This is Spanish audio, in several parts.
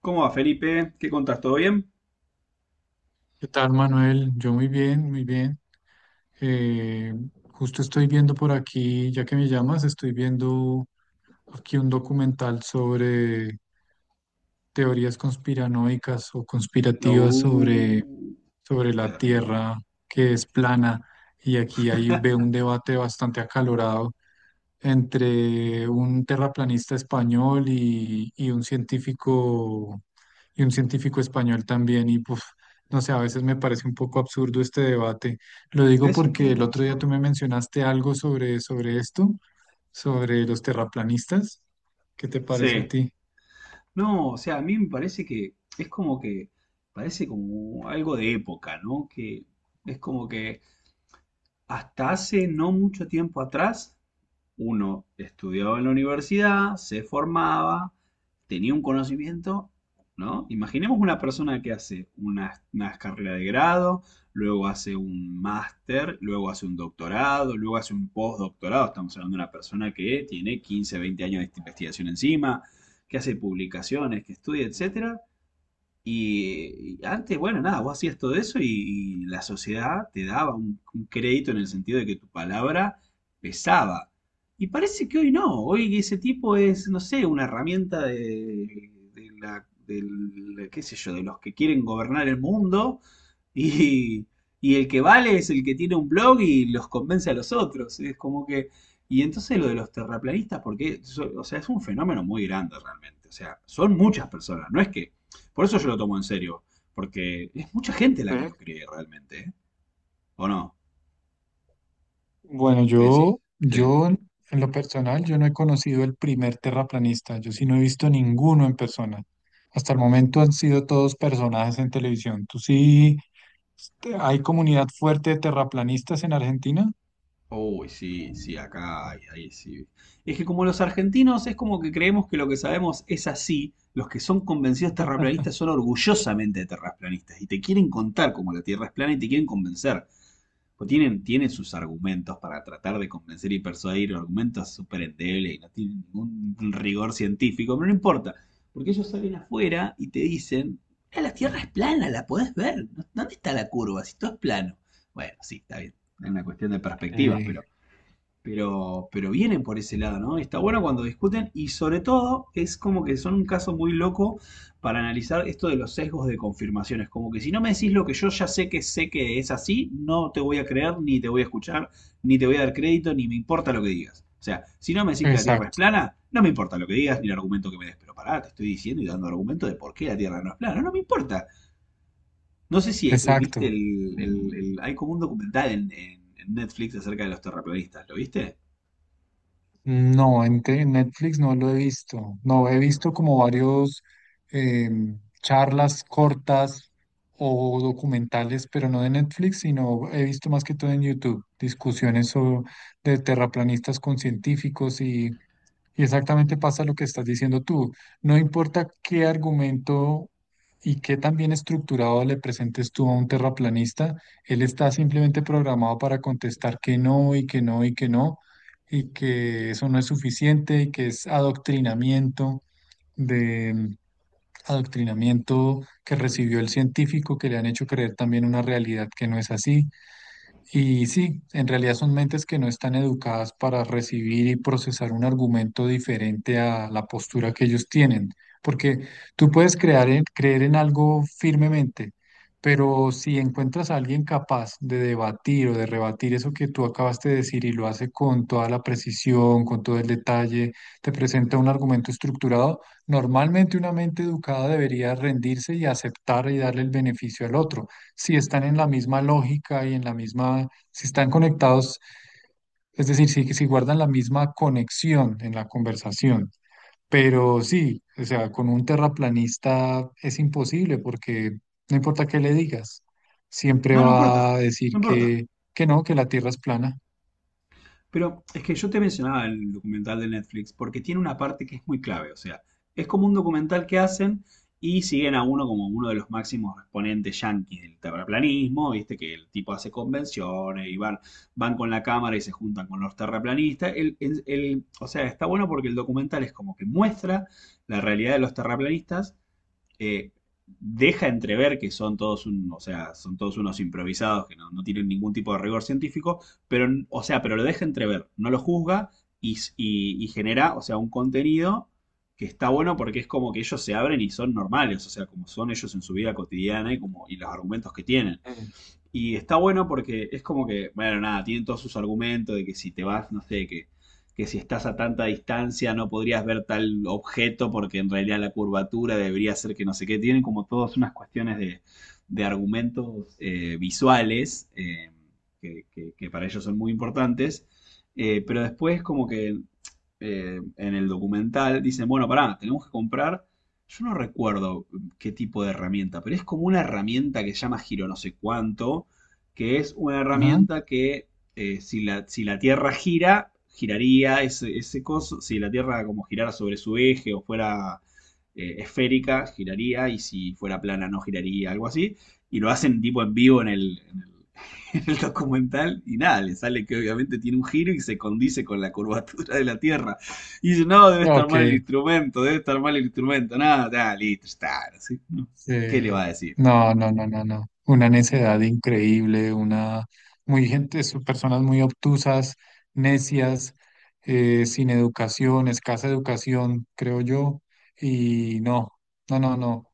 ¿Cómo va, Felipe? ¿Qué contás? ¿Todo bien? ¿Qué tal, Manuel? Yo muy bien, muy bien. Eh, Justo estoy viendo por aquí, ya que me llamas, estoy viendo aquí un documental sobre teorías conspiranoicas o conspirativas Uh, sobre la Terrible. Tierra que es plana. Y aquí ahí veo un debate bastante acalorado entre un terraplanista español y un científico y un científico español también. Y pues, no sé, a veces me parece un poco absurdo este debate. Lo digo Es un porque el poco otro día tú me absurdo. mencionaste algo sobre esto, sobre los terraplanistas. ¿Qué te parece a Sí. ti? No, o sea, a mí me parece que es como que, parece como algo de época, ¿no? Que es como que hasta hace no mucho tiempo atrás uno estudiaba en la universidad, se formaba, tenía un conocimiento, ¿no? Imaginemos una persona que hace una carrera de grado, luego hace un máster, luego hace un doctorado, luego hace un postdoctorado. Estamos hablando de una persona que tiene 15, 20 años de investigación encima, que hace publicaciones, que estudia, etcétera, y antes, bueno, nada, vos hacías todo eso y la sociedad te daba un crédito en el sentido de que tu palabra pesaba. Y parece que hoy no, hoy ese tipo es, no sé, una herramienta de qué sé yo, de los que quieren gobernar el mundo y, y el que vale es el que tiene un blog y los convence a los otros. Es como que. Y entonces lo de los terraplanistas, porque, o sea, es un fenómeno muy grande realmente. O sea, son muchas personas, no es que por eso yo lo tomo en serio, porque es mucha gente la que Ujú. lo cree realmente, ¿eh? ¿O no? Bueno, ¿Qué decís? Sí. yo en lo personal, yo no he conocido el primer terraplanista. Yo sí no he visto ninguno en persona. Hasta el momento han sido todos personajes en televisión. ¿Tú sí? Este, ¿hay comunidad fuerte de terraplanistas en Argentina? Uy, sí, sí, acá, ahí, ahí sí. Es que como los argentinos es como que creemos que lo que sabemos es así, los que son convencidos terraplanistas son orgullosamente terraplanistas y te quieren contar cómo la Tierra es plana y te quieren convencer. Pues tienen, tienen sus argumentos para tratar de convencer y persuadir, argumentos súper endebles y no tienen ningún rigor científico, pero no importa, porque ellos salen afuera y te dicen, "Ah, la Tierra es plana, la podés ver, ¿dónde está la curva si todo es plano? Bueno, sí, está bien, es una cuestión de perspectivas, Eh, pero pero vienen por ese lado, ¿no? Está bueno cuando discuten y sobre todo es como que son un caso muy loco para analizar esto de los sesgos de confirmaciones, como que si no me decís lo que yo ya sé que es así, no te voy a creer, ni te voy a escuchar, ni te voy a dar crédito, ni me importa lo que digas. O sea, si no me decís que la Tierra es exacto, plana, no me importa lo que digas ni el argumento que me des. Pero pará, te estoy diciendo y dando argumento de por qué la Tierra no es plana. No me importa. No sé si viste exacto. Hay como un documental en Netflix acerca de los terraplanistas. ¿Lo viste? No, en Netflix no lo he visto. No, he visto como varios charlas cortas o documentales, pero no de Netflix, sino he visto más que todo en YouTube, discusiones de terraplanistas con científicos y. Y exactamente pasa lo que estás diciendo tú. No importa qué argumento y qué tan bien estructurado le presentes tú a un terraplanista, él está simplemente programado para contestar que no y que no y que no, y que eso no es suficiente y que es adoctrinamiento de mm, adoctrinamiento que recibió el científico que le han hecho creer también una realidad que no es así. Y sí, en realidad son mentes que no están educadas para recibir y procesar un argumento diferente a la postura que ellos tienen, porque tú puedes creer en algo firmemente, pero si encuentras a alguien capaz de debatir o de rebatir eso que tú acabaste de decir y lo hace con toda la precisión, con todo el detalle, te presenta un argumento estructurado, normalmente una mente educada debería rendirse y aceptar y darle el beneficio al otro si están en la misma lógica y en la misma, si están conectados, es decir, si guardan la misma conexión en la conversación. Pero sí, o sea, con un terraplanista es imposible porque no importa qué le digas, siempre No, no importa, va a no decir importa. Que no, que la Tierra es plana. Pero es que yo te mencionaba el documental de Netflix porque tiene una parte que es muy clave. O sea, es como un documental que hacen y siguen a uno como uno de los máximos exponentes yanquis del terraplanismo. Viste que el tipo hace convenciones y van, van con la cámara y se juntan con los terraplanistas. O sea, está bueno porque el documental es como que muestra la realidad de los terraplanistas eh, deja entrever que son todos un, o sea, son todos unos improvisados que no, no tienen ningún tipo de rigor científico, pero, o sea, pero lo deja entrever, no lo juzga y genera, o sea, un contenido que está bueno porque es como que ellos se abren y son normales, o sea, como son ellos en su vida cotidiana y como y los argumentos que tienen. Mm. Y está bueno porque es como que, bueno, nada, tienen todos sus argumentos de que si te vas, no sé, que si estás a tanta distancia no podrías ver tal objeto porque en realidad la curvatura debería ser que no sé qué. Tienen como todas unas cuestiones de argumentos visuales que para ellos son muy importantes. Pero después como que en el documental, dicen, bueno, pará, tenemos que comprar, yo no recuerdo qué tipo de herramienta, pero es como una herramienta que se llama giro no sé cuánto, que es una Ajá. herramienta que si la Tierra gira, giraría ese coso, si la Tierra como girara sobre su eje o fuera esférica, giraría, y si fuera plana no giraría, algo así, y lo hacen tipo en vivo en el en el documental y nada, le sale que obviamente tiene un giro y se condice con la curvatura de la Tierra. Y dice, no, debe estar Ok. mal el instrumento, debe estar mal el instrumento, nada, nada, listo, está. ¿Sí? Sí, ¿Qué le va a decir? No. Una necedad increíble, una muy gente, son personas muy obtusas, necias, sin educación, escasa educación, creo yo. Y no, no.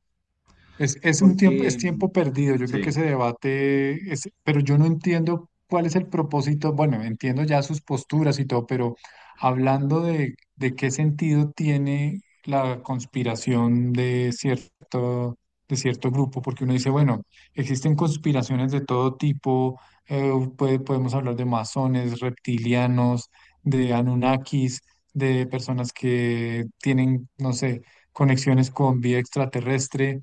Es un tiempo, es Porque, tiempo perdido. Yo creo que sí, ese debate es, pero yo no entiendo cuál es el propósito. Bueno, entiendo ya sus posturas y todo, pero hablando de qué sentido tiene la conspiración de cierto grupo, porque uno dice, bueno, existen conspiraciones de todo tipo, eh, podemos hablar de masones, reptilianos, de Anunnakis, de personas que tienen, no sé, conexiones con vida extraterrestre.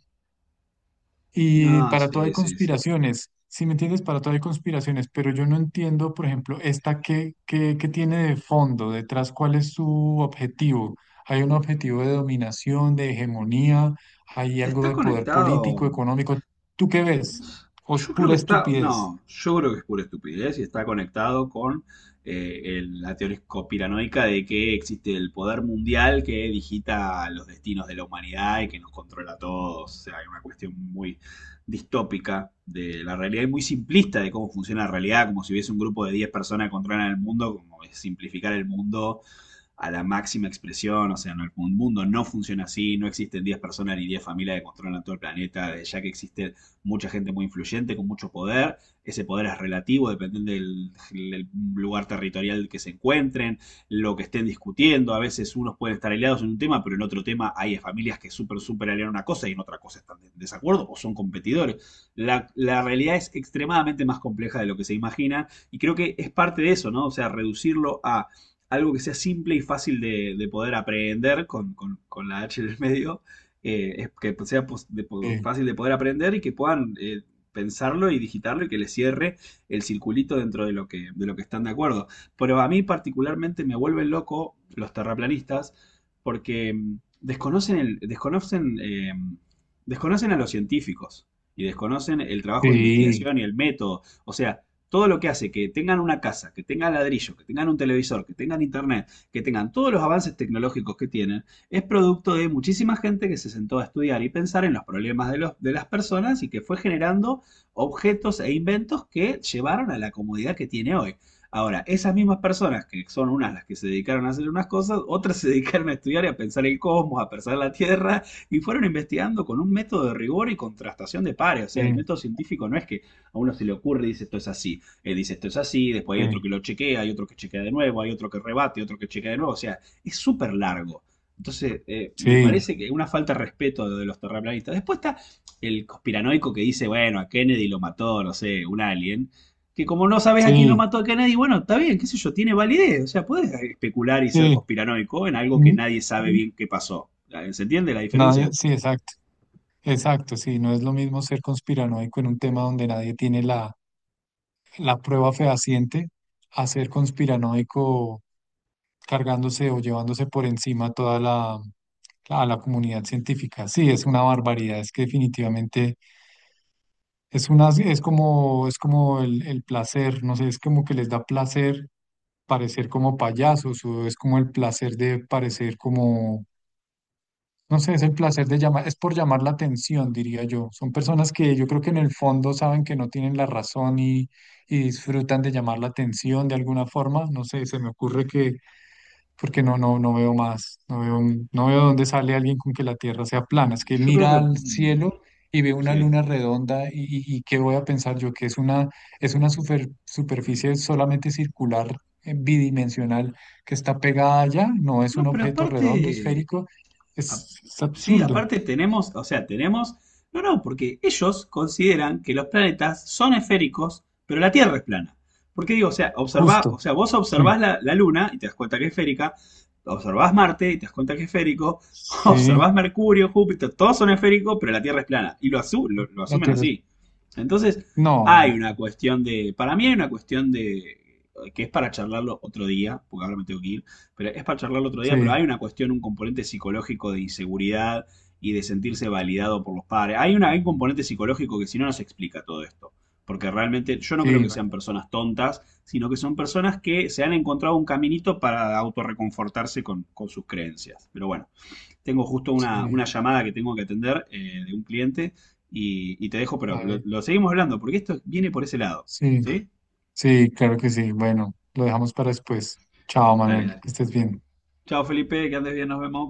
Y no, para todo hay sí, sí, sí. conspiraciones, ¿si me entiendes? Para todo hay conspiraciones, pero yo no entiendo, por ejemplo, esta qué tiene de fondo, detrás, cuál es su objetivo. Hay un objetivo de dominación, de hegemonía, hay algo Está de poder conectado. político, económico. ¿Tú qué ves? ¿O es Yo creo pura que está, estupidez? no, yo creo que es pura estupidez y está conectado con la teoría conspiranoica de que existe el poder mundial que digita los destinos de la humanidad y que nos controla a todos. O sea, hay una cuestión muy distópica de la realidad y muy simplista de cómo funciona la realidad, como si hubiese un grupo de 10 personas que controlan el mundo, como es simplificar el mundo a la máxima expresión, o sea, no, el mundo no funciona así, no existen 10 personas ni 10 familias que controlan todo el planeta, ya que existe mucha gente muy influyente con mucho poder, ese poder es relativo, dependiendo del, del lugar territorial que se encuentren, lo que estén discutiendo, a veces unos pueden estar aliados en un tema, pero en otro tema hay familias que súper, súper aliaron una cosa y en otra cosa están en desacuerdo o son competidores. La realidad es extremadamente más compleja de lo que se imagina y creo que es parte de eso, ¿no? O sea, reducirlo a algo que sea simple y fácil de poder aprender con la H en el medio, es que sea pos- de po- Sí, fácil de poder aprender y que puedan pensarlo y digitarlo y que les cierre el circulito dentro de lo que están de acuerdo. Pero a mí particularmente me vuelven loco los terraplanistas porque desconocen el, desconocen, eh, desconocen a los científicos y desconocen el trabajo de sí, investigación y el método. O sea, todo lo que hace que tengan una casa, que tengan ladrillo, que tengan un televisor, que tengan internet, que tengan todos los avances tecnológicos que tienen, es producto de muchísima gente que se sentó a estudiar y pensar en los problemas de las personas y que fue generando objetos e inventos que llevaron a la comodidad que tiene hoy. Ahora, esas mismas personas, que son unas las que se dedicaron a hacer unas cosas, otras se dedicaron a estudiar y a pensar el cosmos, a pensar la Tierra, y fueron investigando con un método de rigor y contrastación de pares. O sea, el sí, método científico no es que a uno se le ocurre y dice esto es así, dice esto es así, después hay otro que lo chequea, hay otro que chequea de nuevo, hay otro que rebate, otro que chequea de nuevo, o sea, es súper largo. Entonces, me sí, parece que una falta de respeto de los terraplanistas. Después está el conspiranoico que dice, bueno, a Kennedy lo mató, no sé, un alien. Que como no sabes a quién lo sí, sí, mató a Kennedy, bueno, está bien, qué sé yo, tiene validez. O sea, puedes especular y ser sí. conspiranoico en algo que Mm, nadie sabe mm. bien qué pasó. ¿Se entiende la Nadie, diferencia? sí, exacto, exacto, sí, no es lo mismo ser conspiranoico en un tema donde nadie tiene la prueba fehaciente a ser conspiranoico cargándose o llevándose por encima a la comunidad científica. Sí, es una barbaridad, es que definitivamente es una, es como el placer, no sé, es como que les da placer parecer como payasos o es como el placer de parecer como. No sé, es el placer de llamar, es por llamar la atención, diría yo. Son personas que yo creo que en el fondo saben que no tienen la razón y disfrutan de llamar la atención de alguna forma. No sé, se me ocurre que, porque no, no veo más, no veo, no veo dónde sale alguien con que la Tierra sea plana. Es Mm, que Yo creo mira que. al Mm, cielo y ve una Sí. luna redonda y qué voy a pensar yo, que es una superficie solamente circular, bidimensional, que está pegada allá, no es un No, pero objeto redondo, aparte, esférico, a- es sí, absurdo, aparte tenemos, o sea, tenemos, no, no, porque ellos consideran que los planetas son esféricos, pero la Tierra es plana. Porque digo, o sea, observa, o justo. sea, vos observás Sí, la Luna y te das cuenta que es esférica, observás Marte y te das cuenta que es esférico, sí, observás Mercurio, Júpiter, todos son esféricos, pero la Tierra es plana. Y lo la asumen Tierra. Así. Entonces, No, hay no, una no. cuestión de, para mí hay una cuestión de, que es para charlarlo otro día, porque ahora me tengo que ir pero es para charlarlo otro día, pero Sí, hay una cuestión, un componente psicológico de inseguridad y de sentirse validado por los padres. Hay un componente psicológico que si no nos explica todo esto. Porque realmente yo no creo sí, que sean personas tontas, sino que son personas que se han encontrado un caminito para autorreconfortarse con sus creencias. Pero bueno, tengo justo una, sí, una llamada que tengo que atender de un cliente y te dejo, pero a lo, ver, lo seguimos hablando porque esto viene por ese lado. sí. ¿Sí? Sí, claro que sí. Bueno, lo dejamos para después. Chao, Dale, Manuel, dale. que estés bien. Chao, Felipe, que andes bien, nos vemos.